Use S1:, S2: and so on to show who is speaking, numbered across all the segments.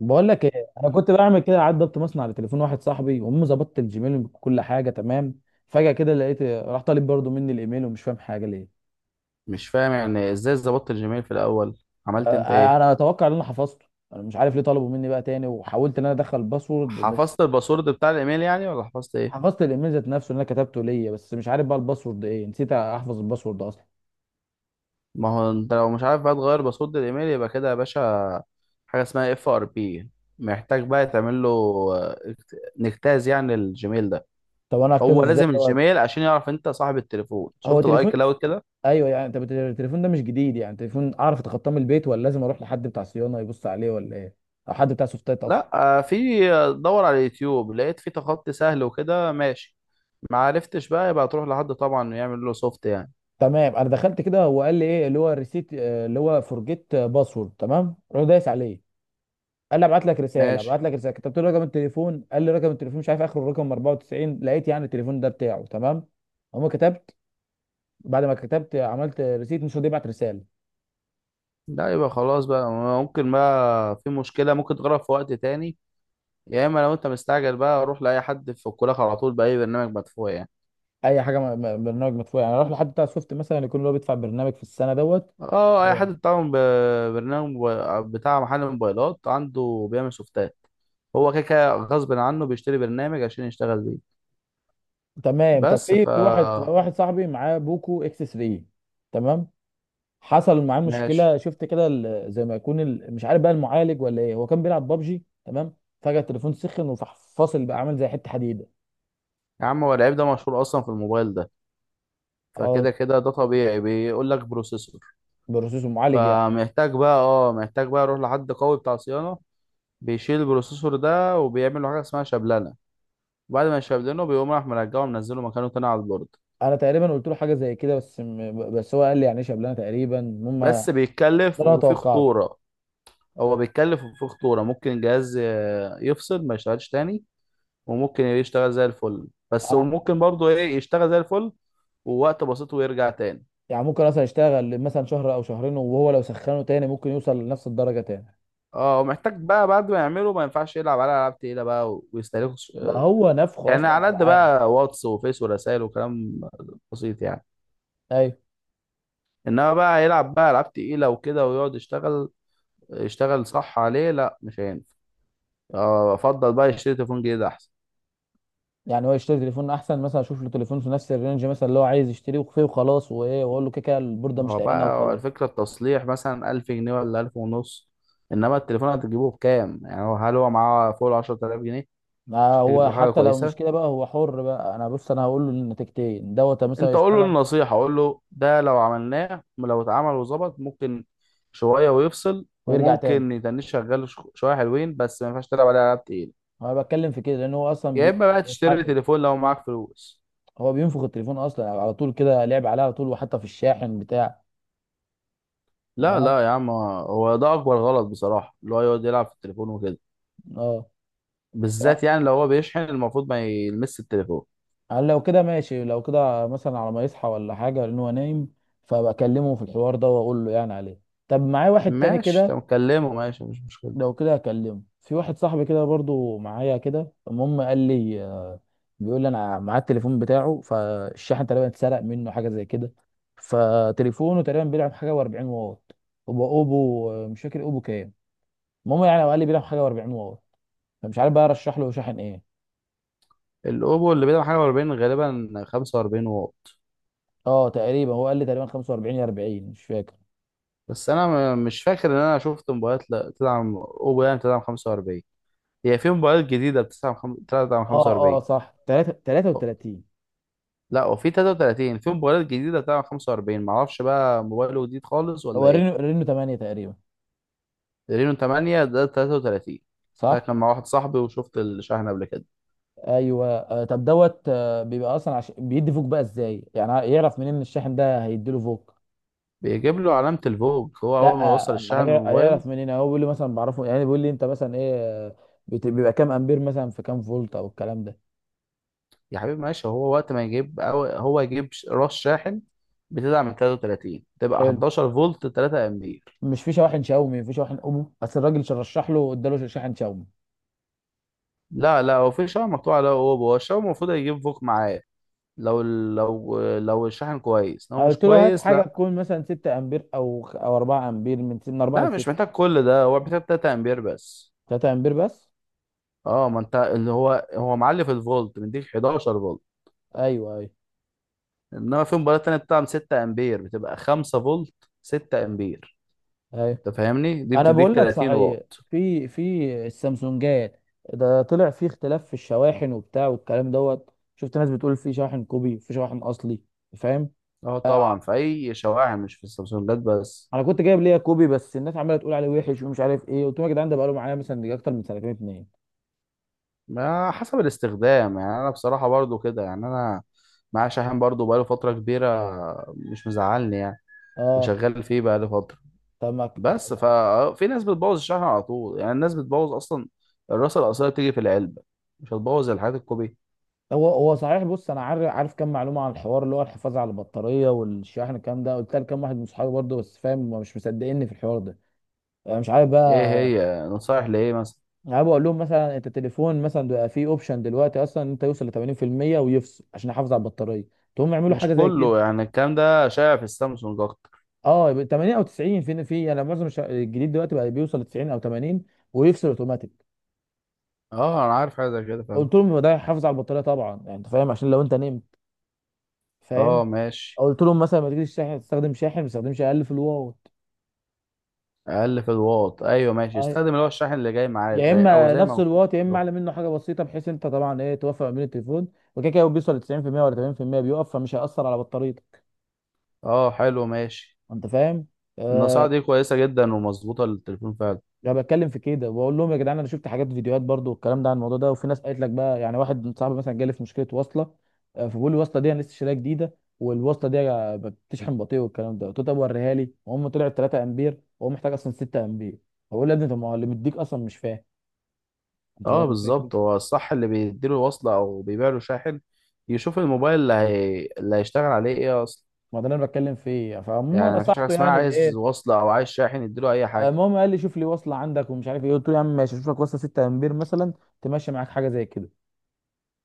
S1: بقول لك ايه، انا كنت بعمل كده عاد ضبط مصنع على تليفون واحد صاحبي وامه ظبطت الجيميل وكل حاجه تمام. فجاه كده لقيت راح طالب برضه مني الايميل ومش فاهم حاجه ليه.
S2: مش فاهم، يعني ازاي ظبطت الجيميل في الاول؟ عملت انت ايه؟
S1: انا اتوقع ان انا حفظته. انا مش عارف ليه طلبوا مني بقى تاني، وحاولت ان انا ادخل الباسورد، مش
S2: حفظت الباسورد بتاع الايميل يعني، ولا حفظت ايه؟
S1: حفظت الايميل ذات نفسه اللي انا كتبته ليا، بس مش عارف بقى الباسورد ايه، نسيت احفظ الباسورد اصلا.
S2: ما هو انت لو مش عارف بقى تغير باسورد الايميل يبقى كده يا باشا. حاجه اسمها اف ار بي. محتاج بقى تعمل له نجتاز يعني الجيميل ده.
S1: طب انا هكتبه
S2: هو
S1: ازاي
S2: لازم
S1: دوت؟
S2: الجيميل عشان يعرف انت صاحب التليفون.
S1: هو
S2: شفت الاي
S1: تليفون.
S2: كلاود كده؟
S1: ايوه يعني، طب التليفون ده مش جديد يعني، تليفون اعرف اتخطاه من البيت، ولا لازم اروح لحد بتاع صيانه يبص عليه، ولا ايه؟ او حد بتاع سوفتات.
S2: لا. في دور على اليوتيوب لقيت في تخطي سهل وكده ماشي. ما عرفتش بقى، يبقى تروح لحد طبعا يعمل له سوفت يعني.
S1: تمام انا دخلت كده هو قال لي ايه اللي هو ريسيت، اللي هو فورجيت باسورد، تمام رحت دايس عليه. قال لي ابعت لك رساله، ابعت
S2: ماشي.
S1: لك رساله، كتبت له رقم التليفون. قال لي رقم التليفون مش عارف اخره رقم 94، لقيت يعني التليفون ده بتاعه تمام. اما كتبت، بعد ما كتبت عملت ريسيت، مش راضي يبعت رساله.
S2: لا، يبقى خلاص بقى. ممكن بقى في مشكلة، ممكن تغرق في وقت تاني. يا اما لو انت مستعجل بقى روح لأي حد في الكلاك على طول، بأي برنامج مدفوع يعني.
S1: اي حاجه برنامج مدفوع يعني، اروح لحد بتاع سوفت مثلا يكون اللي هو بيدفع برنامج في السنه دوت.
S2: اه، اي
S1: هو.
S2: حد بتاع برنامج بتاع محل موبايلات عنده بيعمل سوفتات. هو كده كده غصب عنه بيشتري برنامج عشان يشتغل بيه.
S1: تمام، طب
S2: بس
S1: في في واحد صاحبي معاه بوكو اكس 3. تمام حصل معاه
S2: ماشي.
S1: مشكله، شفت كده زي ما يكون مش عارف بقى المعالج ولا ايه، هو كان بيلعب بابجي تمام. فجاه التليفون سخن وفح، فاصل بقى عامل زي حته حديده.
S2: يا عم هو العيب ده مشهور اصلا في الموبايل ده.
S1: اه،
S2: فكده كده ده طبيعي، بيقول لك بروسيسور.
S1: بروسيسور معالج يعني.
S2: فمحتاج بقى اه محتاج بقى اروح لحد قوي بتاع صيانة. بيشيل البروسيسور ده وبيعمل له حاجه اسمها شبلنه. وبعد ما يشبلنه بيقوم راح مرجعه منزله مكانه تاني على البورد.
S1: انا تقريبا قلت له حاجه زي كده، بس بس هو قال لي يعني ايش قبلنا تقريبا، المهم ده
S2: بس بيتكلف
S1: اللي انا
S2: وفي
S1: توقعته.
S2: خطوره. هو بيتكلف وفي خطوره، ممكن الجهاز يفصل ما يشتغلش تاني. وممكن يشتغل زي الفل بس،
S1: انا
S2: وممكن برضه ايه يشتغل زي الفل ووقت بسيط ويرجع تاني.
S1: يعني ممكن مثلا يشتغل مثلا شهر او شهرين، وهو لو سخنه تاني ممكن يوصل لنفس الدرجه تاني.
S2: اه ومحتاج بقى بعد ما يعمله ما ينفعش يلعب على العاب تقيله بقى ويستهلكوا
S1: ده هو نفخه
S2: يعني
S1: اصلا
S2: على قد
S1: العاب.
S2: بقى واتس وفيس ورسائل وكلام بسيط يعني.
S1: ايوه
S2: انما بقى يلعب بقى العاب تقيله وكده ويقعد يشتغل. يشتغل صح عليه؟ لا مش هينفع. افضل بقى يشتري تليفون جديد احسن.
S1: يعني، هو يشتري تليفون احسن مثلا، اشوف له تليفون في نفس الرينج مثلا اللي هو عايز يشتريه فيه وخلاص، وايه واقول له كده كده البورده
S2: ما
S1: مش
S2: هو
S1: لاقينا
S2: بقى هو
S1: وخلاص.
S2: الفكره، التصليح مثلا 1000 جنيه ولا 1000 ونص. انما التليفون هتجيبه بكام؟ يعني هو هل هو معاه فوق ال 10000 جنيه؟
S1: ما
S2: عشان تجيب
S1: هو
S2: له حاجه
S1: حتى لو مش
S2: كويسه.
S1: كده بقى هو حر بقى، انا بص انا هقول له النتيجتين دوت، مثلا
S2: انت قول له
S1: يشتغل
S2: النصيحه، قول له ده لو اتعمل وظبط ممكن شويه ويفصل.
S1: ويرجع تاني.
S2: وممكن يتنش شغال شويه حلوين، بس ما ينفعش تلعب عليه العاب تقيله.
S1: انا بتكلم في كده لان هو اصلا
S2: يا اما بقى تشتري
S1: بيتحكم.
S2: تليفون لو معاك فلوس.
S1: هو بينفخ التليفون اصلا على طول كده، لعب عليه على طول، وحتى في الشاحن بتاع.
S2: لا،
S1: تمام،
S2: لا، يا عم هو ده اكبر غلط بصراحه، اللي هو يقعد يلعب في التليفون وكده.
S1: اه.
S2: بالذات يعني لو هو بيشحن المفروض ما يلمس التليفون.
S1: يعني لو كده ماشي، لو كده مثلا على ما يصحى ولا حاجه لان هو نايم، فبكلمه في الحوار ده واقول له يعني عليه. طب معايا واحد تاني
S2: ماشي،
S1: كده،
S2: طب كلمه ماشي، مش مشكله.
S1: لو كده هكلمه في واحد صاحبي كده برضو معايا كده. المهم قال لي، بيقول لي انا معاه التليفون بتاعه، فالشاحن تقريبا اتسرق منه حاجه زي كده. فتليفونه تقريبا بيلعب حاجه و40 واط، هو اوبو، مش فاكر اوبو كام. المهم يعني هو قال لي بيلعب حاجه و40 واط، فمش عارف بقى ارشح له شاحن ايه.
S2: الاوبو اللي بيدعم حاجه 40 غالبا 45 واط.
S1: اه تقريبا هو قال لي تقريبا 45 يا 40، مش فاكر.
S2: بس انا مش فاكر ان انا شفت موبايلات لا تدعم اوبو يعني، بتدعم 45. هي في موبايلات جديده بتدعم بتدعم
S1: اه، اه،
S2: 45.
S1: صح. 3، 33.
S2: لا، وفي 33 في موبايلات جديده بتدعم 45، معرفش بقى موبايله جديد خالص ولا
S1: هو
S2: ايه.
S1: رينو 8 تقريبا.
S2: رينو 8 ده 33. ده
S1: صح.
S2: كان مع واحد صاحبي وشفت الشحن قبل كده.
S1: ايوه، طب دوت. بيبقى اصلا بيدي فوق بقى ازاي يعني، يعرف منين ان الشاحن ده هيديله فوق.
S2: بيجيب له علامة الفوج هو أول
S1: لا.
S2: ما يوصل الشحن من الموبايل.
S1: هيعرف منين يعني؟ هو بيقول لي مثلا بعرفه يعني، بيقول لي انت مثلا ايه. آه، بيبقى كام امبير مثلا، في كام فولت، او الكلام ده.
S2: يا حبيبي ماشي، هو وقت ما يجيب أو هو يجيب راس شاحن بتدعم 33 تبقى
S1: حلو.
S2: 11 فولت 3 امبير.
S1: مش في شواحن شاومي، في شواحن اوبو، بس الراجل رشح له اداله شاحن شاومي.
S2: لا، لا، هو في شاحن مقطوع له. هو الشاحن المفروض يجيب فوق معاه. لو الشاحن كويس. لو مش
S1: قلت له هات
S2: كويس
S1: حاجه
S2: لا.
S1: تكون مثلا 6 امبير، او او 4 امبير، من 4 ل
S2: لا مش
S1: 6.
S2: محتاج كل ده، هو محتاج 3 امبير بس.
S1: 3 امبير بس؟
S2: اه ما انت اللي هو معلي في الفولت، مديك 11 فولت.
S1: ايوه، ايوه،
S2: انما في مباراه تانية بتدعم 6 امبير، بتبقى 5 فولت. 6 امبير
S1: ايوه،
S2: انت فاهمني دي
S1: انا
S2: بتديك
S1: بقول لك
S2: 30
S1: صحيح.
S2: واط.
S1: في السامسونجات، ده طلع في اختلاف في الشواحن وبتاع والكلام دوت. شفت ناس بتقول في شاحن كوبي، في شاحن اصلي، فاهم.
S2: اه
S1: آه، آه،
S2: طبعا، في اي شواحن، مش في السبسونجات بس.
S1: انا كنت جايب ليا كوبي بس الناس عماله تقول عليه وحش ومش عارف ايه، قلت لهم يا جدعان ده بقاله معايا مثلا يجي اكتر من سنتين اتنين.
S2: ما حسب الاستخدام يعني، انا بصراحه برضو كده يعني. انا معايا شاحن برضو بقاله فتره كبيره، مش مزعلني يعني،
S1: اه.
S2: وشغال فيه بقاله فتره.
S1: طب ما
S2: بس ففي ناس بتبوظ الشاحن على طول، يعني الناس بتبوظ اصلا. الراسه الاصليه بتيجي في العلبه، مش هتبوظ الحاجات الكوبيه.
S1: هو صحيح. بص انا عارف، عارف كام معلومه عن الحوار، اللي هو الحفاظ على البطاريه والشاحن الكلام ده، قلت لكام واحد من صحابي برضه، بس فاهم هما مش مصدقيني في الحوار ده. أنا مش عارف
S2: ايه
S1: بقى.
S2: هي نصايح لايه مثلا؟
S1: يعني انا بقول لهم مثلا انت التليفون مثلا بقى فيه اوبشن دلوقتي اصلا، إن انت يوصل ل 80% ويفصل عشان احافظ على البطاريه، تقوم يعملوا حاجه
S2: مش
S1: زي كده.
S2: كله يعني، الكلام ده شائع في السامسونج اكتر.
S1: اه يبقى 80 او 90، فين، في انا معظم الجديد دلوقتي بقى بيوصل ل 90 او 80 ويفصل اوتوماتيك.
S2: اه انا عارف حاجه زي كده، فاهم.
S1: قلت لهم يبقى ده يحافظ على البطاريه طبعا يعني، انت فاهم، عشان لو انت نمت، فاهم.
S2: اه ماشي.
S1: قلت لهم مثلا ما تجيش شاحن، تستخدم شاحن ما تستخدمش، اقل في الواط.
S2: اقل في الواط، ايوه ماشي،
S1: آه،
S2: استخدم اللي هو الشاحن اللي جاي معاه،
S1: يا اما
S2: زي ما
S1: نفس
S2: مكتوب
S1: الواط، يا اما
S2: كده.
S1: اعلى منه حاجه بسيطه، بحيث انت طبعا ايه توفق ما بين التليفون. وكده كده هو بيوصل ل 90% ولا 80% بيقف، فمش هيأثر على بطاريتك.
S2: اه حلو ماشي.
S1: انت فاهم. آه،
S2: النصيحه دي كويسه جدا ومظبوطه للتليفون فعلا.
S1: انا بتكلم في كده، بقول لهم يا جدعان انا شفت حاجات فيديوهات برضو والكلام ده عن الموضوع ده، وفي ناس قالت لك بقى، يعني واحد صاحبي مثلا جالي في مشكله وصله. فبيقول لي الوصله دي انا لسه شاريها جديده والوصله دي بتشحن بطيء والكلام ده. قلت له طب وريها لي، وهم طلعت 3 امبير وهو محتاج اصلا 6 امبير. فبقول له يا ابني طب ما هو اللي مديك اصلا، مش فاهم. انت
S2: اه
S1: فاهم الفكره.
S2: بالظبط، هو الصح اللي بيديله وصله او بيبيع له شاحن يشوف الموبايل اللي هيشتغل عليه ايه اصلا.
S1: ما ده اللي انا بتكلم فيه، فعموما
S2: يعني مفيش حاجه
S1: نصحته
S2: اسمها
S1: يعني
S2: عايز
S1: بايه.
S2: وصله او عايز شاحن يديله اي حاجه.
S1: المهم قال لي شوف لي وصله عندك ومش عارف ايه، قلت له يا عم ماشي اشوف لك وصله 6 امبير مثلا، تمشي معاك حاجه زي كده.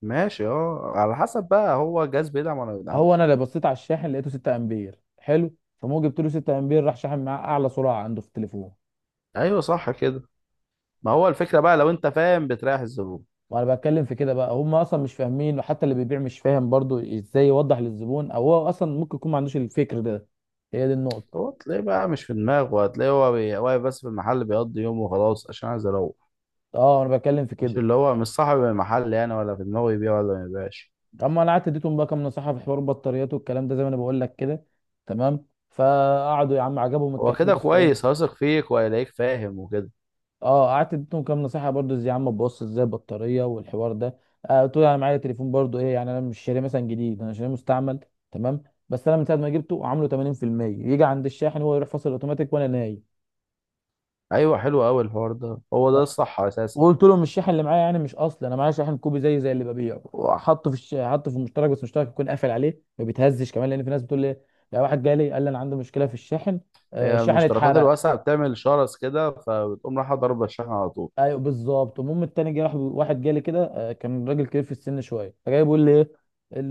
S2: ماشي، اه على حسب بقى، هو الجهاز بيدعم ولا ما
S1: هو انا
S2: بيدعمش.
S1: اللي بصيت على الشاحن لقيته 6 امبير، حلو. فموجي جبت له 6 امبير، راح شاحن معاه اعلى سرعه عنده في التليفون.
S2: ايوه صح كده. ما هو الفكره بقى، لو انت فاهم بتريح الزبون.
S1: وانا بتكلم في كده بقى، هم اصلا مش فاهمين، وحتى اللي بيبيع مش فاهم برضو ازاي يوضح للزبون، او هو اصلا ممكن يكون ما عندوش الفكر ده. هي دي النقطه.
S2: هو تلاقيه بقى مش في دماغه. هتلاقيه هو واقف بس في المحل بيقضي يومه وخلاص، عشان عايز اروح.
S1: اه انا بتكلم في
S2: مش
S1: كده.
S2: اللي هو مش صاحب المحل يعني، ولا في دماغه يبيع ولا ما يبيعش.
S1: اما انا قعدت اديتهم بقى كام نصيحه في حوار البطاريات والكلام ده، زي ما انا بقول لك كده، تمام. فقعدوا يا عم عجبهم
S2: هو
S1: الكلام
S2: كده
S1: بس
S2: كويس،
S1: ايه.
S2: هيثق فيك وهيلاقيك فاهم وكده.
S1: اه قعدت اديتهم كام نصيحه برضو ازاي، يا عم ببص ازاي البطاريه والحوار ده. آه قلت له انا معايا تليفون برضو ايه يعني، انا مش شاريه مثلا جديد، انا شاريه مستعمل، تمام. بس انا من ساعه ما جبته عامله 80%، يجي عند الشاحن هو يروح فاصل اوتوماتيك وانا نايم.
S2: ايوه، حلو قوي الحوار ده، هو ده
S1: اه.
S2: الصح اساسا.
S1: وقلت له مش الشاحن اللي معايا يعني مش اصلي، انا معايا شاحن كوبي زي اللي ببيعه، وحطه في حطه في المشترك، بس المشترك يكون قافل عليه ما بيتهزش كمان، لان في ناس بتقول لي، لا واحد جالي قال لي انا عندي مشكله في الشاحن، آه
S2: هي
S1: الشاحن
S2: المشتركات
S1: اتحرق.
S2: الواسعه بتعمل شرس كده، فبتقوم رايحه ضربه الشحن على طول.
S1: ايوه بالظبط. المهم التاني جه راح واحد جالي كده، كان راجل كبير في السن شويه فجاي بيقول لي ايه،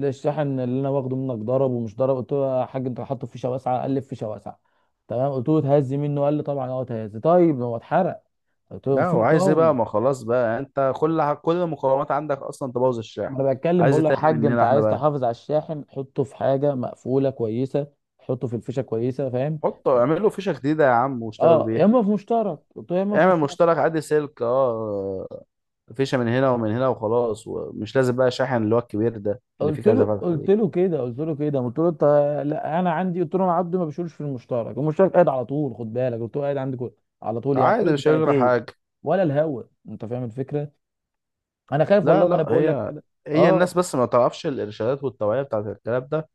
S1: الشاحن اللي انا واخده منك ضرب ومش ضرب. قلت له يا حاج انت حاطه في فيشه واسعه؟ قال لي في فيشه واسعه. تمام قلت له اتهز منه؟ قال لي طبعا اه اتهز. طيب ما هو اتحرق. قلت له
S2: لا
S1: في
S2: وعايز ايه بقى،
S1: مقاومه.
S2: ما خلاص بقى، انت كل المقومات عندك اصلا تبوظ الشحن.
S1: انا بتكلم
S2: عايز
S1: بقول
S2: إيه
S1: له يا
S2: تاني
S1: حاج انت
S2: مننا احنا
S1: عايز
S2: بقى؟
S1: تحافظ على الشاحن حطه في حاجه مقفوله كويسه، حطه في الفيشه كويسه فاهم.
S2: حطه اعمل له فيشه جديده يا عم واشتغل
S1: اه يا
S2: بيها.
S1: اما في مشترك، قلت له يا اما في
S2: اعمل
S1: مشترك،
S2: مشترك عادي سلك اه، فيشه من هنا ومن هنا وخلاص، ومش لازم بقى شاحن اللي هو الكبير ده اللي فيه
S1: قلت
S2: كذا
S1: له
S2: فتحه
S1: قلت
S2: دي.
S1: له كده قلت له كده قلت له انت. لا انا عندي، قلت له انا عبد ما بشيلش في المشترك، المشترك قاعد على طول، خد بالك قلت له قاعد عندي على طول يعني، بقول
S2: عادي
S1: لك
S2: مش هيجرى
S1: بسنتين
S2: حاجه.
S1: ولا الهوا. انت فاهم الفكره. انا خايف
S2: لا،
S1: والله وانا
S2: لا،
S1: بقول لك
S2: هي
S1: كده.
S2: هي الناس
S1: اه
S2: بس ما تعرفش الارشادات والتوعيه بتاعت الكلام ده،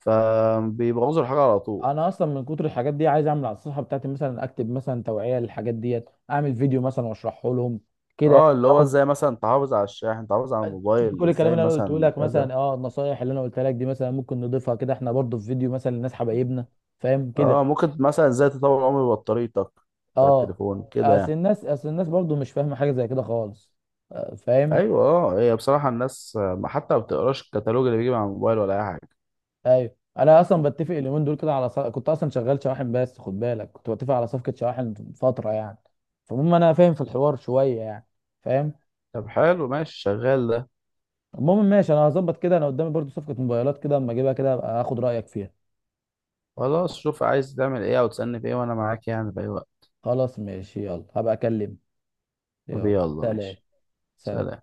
S2: فبيبوظوا الحاجه على طول.
S1: انا اصلا من كتر الحاجات دي عايز اعمل على الصفحه بتاعتي مثلا، اكتب مثلا توعيه للحاجات ديت، اعمل فيديو مثلا واشرحه لهم كده يعني.
S2: اه اللي هو
S1: طالما
S2: ازاي مثلا تحافظ على الشاحن، تحافظ على
S1: شفت
S2: الموبايل
S1: كل الكلام
S2: ازاي،
S1: اللي انا قلته
S2: مثلا
S1: لك
S2: كذا.
S1: مثلا، اه النصايح اللي انا قلتها لك دي مثلا ممكن نضيفها كده احنا برضو في فيديو مثلا للناس حبايبنا، فاهم كده.
S2: اه ممكن مثلا ازاي تطور عمر بطاريتك بتاع
S1: اه،
S2: التليفون كده
S1: اصل
S2: يعني.
S1: الناس اصل الناس برضو مش فاهمه حاجه زي كده خالص، فاهم.
S2: ايوه اه، هي بصراحه الناس ما بتقراش الكتالوج اللي بيجي مع الموبايل ولا اي حاجه.
S1: ايوه انا اصلا بتفق اليومين دول كده على كنت اصلا شغال شواحن، بس خد بالك كنت بتفق على صفقه شواحن فتره يعني، فالمهم انا فاهم في الحوار شويه يعني، فاهم.
S2: طب حلو ماشي شغال.
S1: المهم ماشي، انا هظبط كده، انا قدامي برضو صفقه موبايلات كده، اما اجيبها كده ابقى اخد رايك فيها.
S2: خلاص شوف عايز تعمل ايه او تسألني في ايه وانا معاك يعني في اي وقت.
S1: خلاص ماشي، يلا هبقى اكلم.
S2: طب
S1: يلا
S2: يلا
S1: سلام.
S2: ماشي.
S1: سلام.
S2: سلام.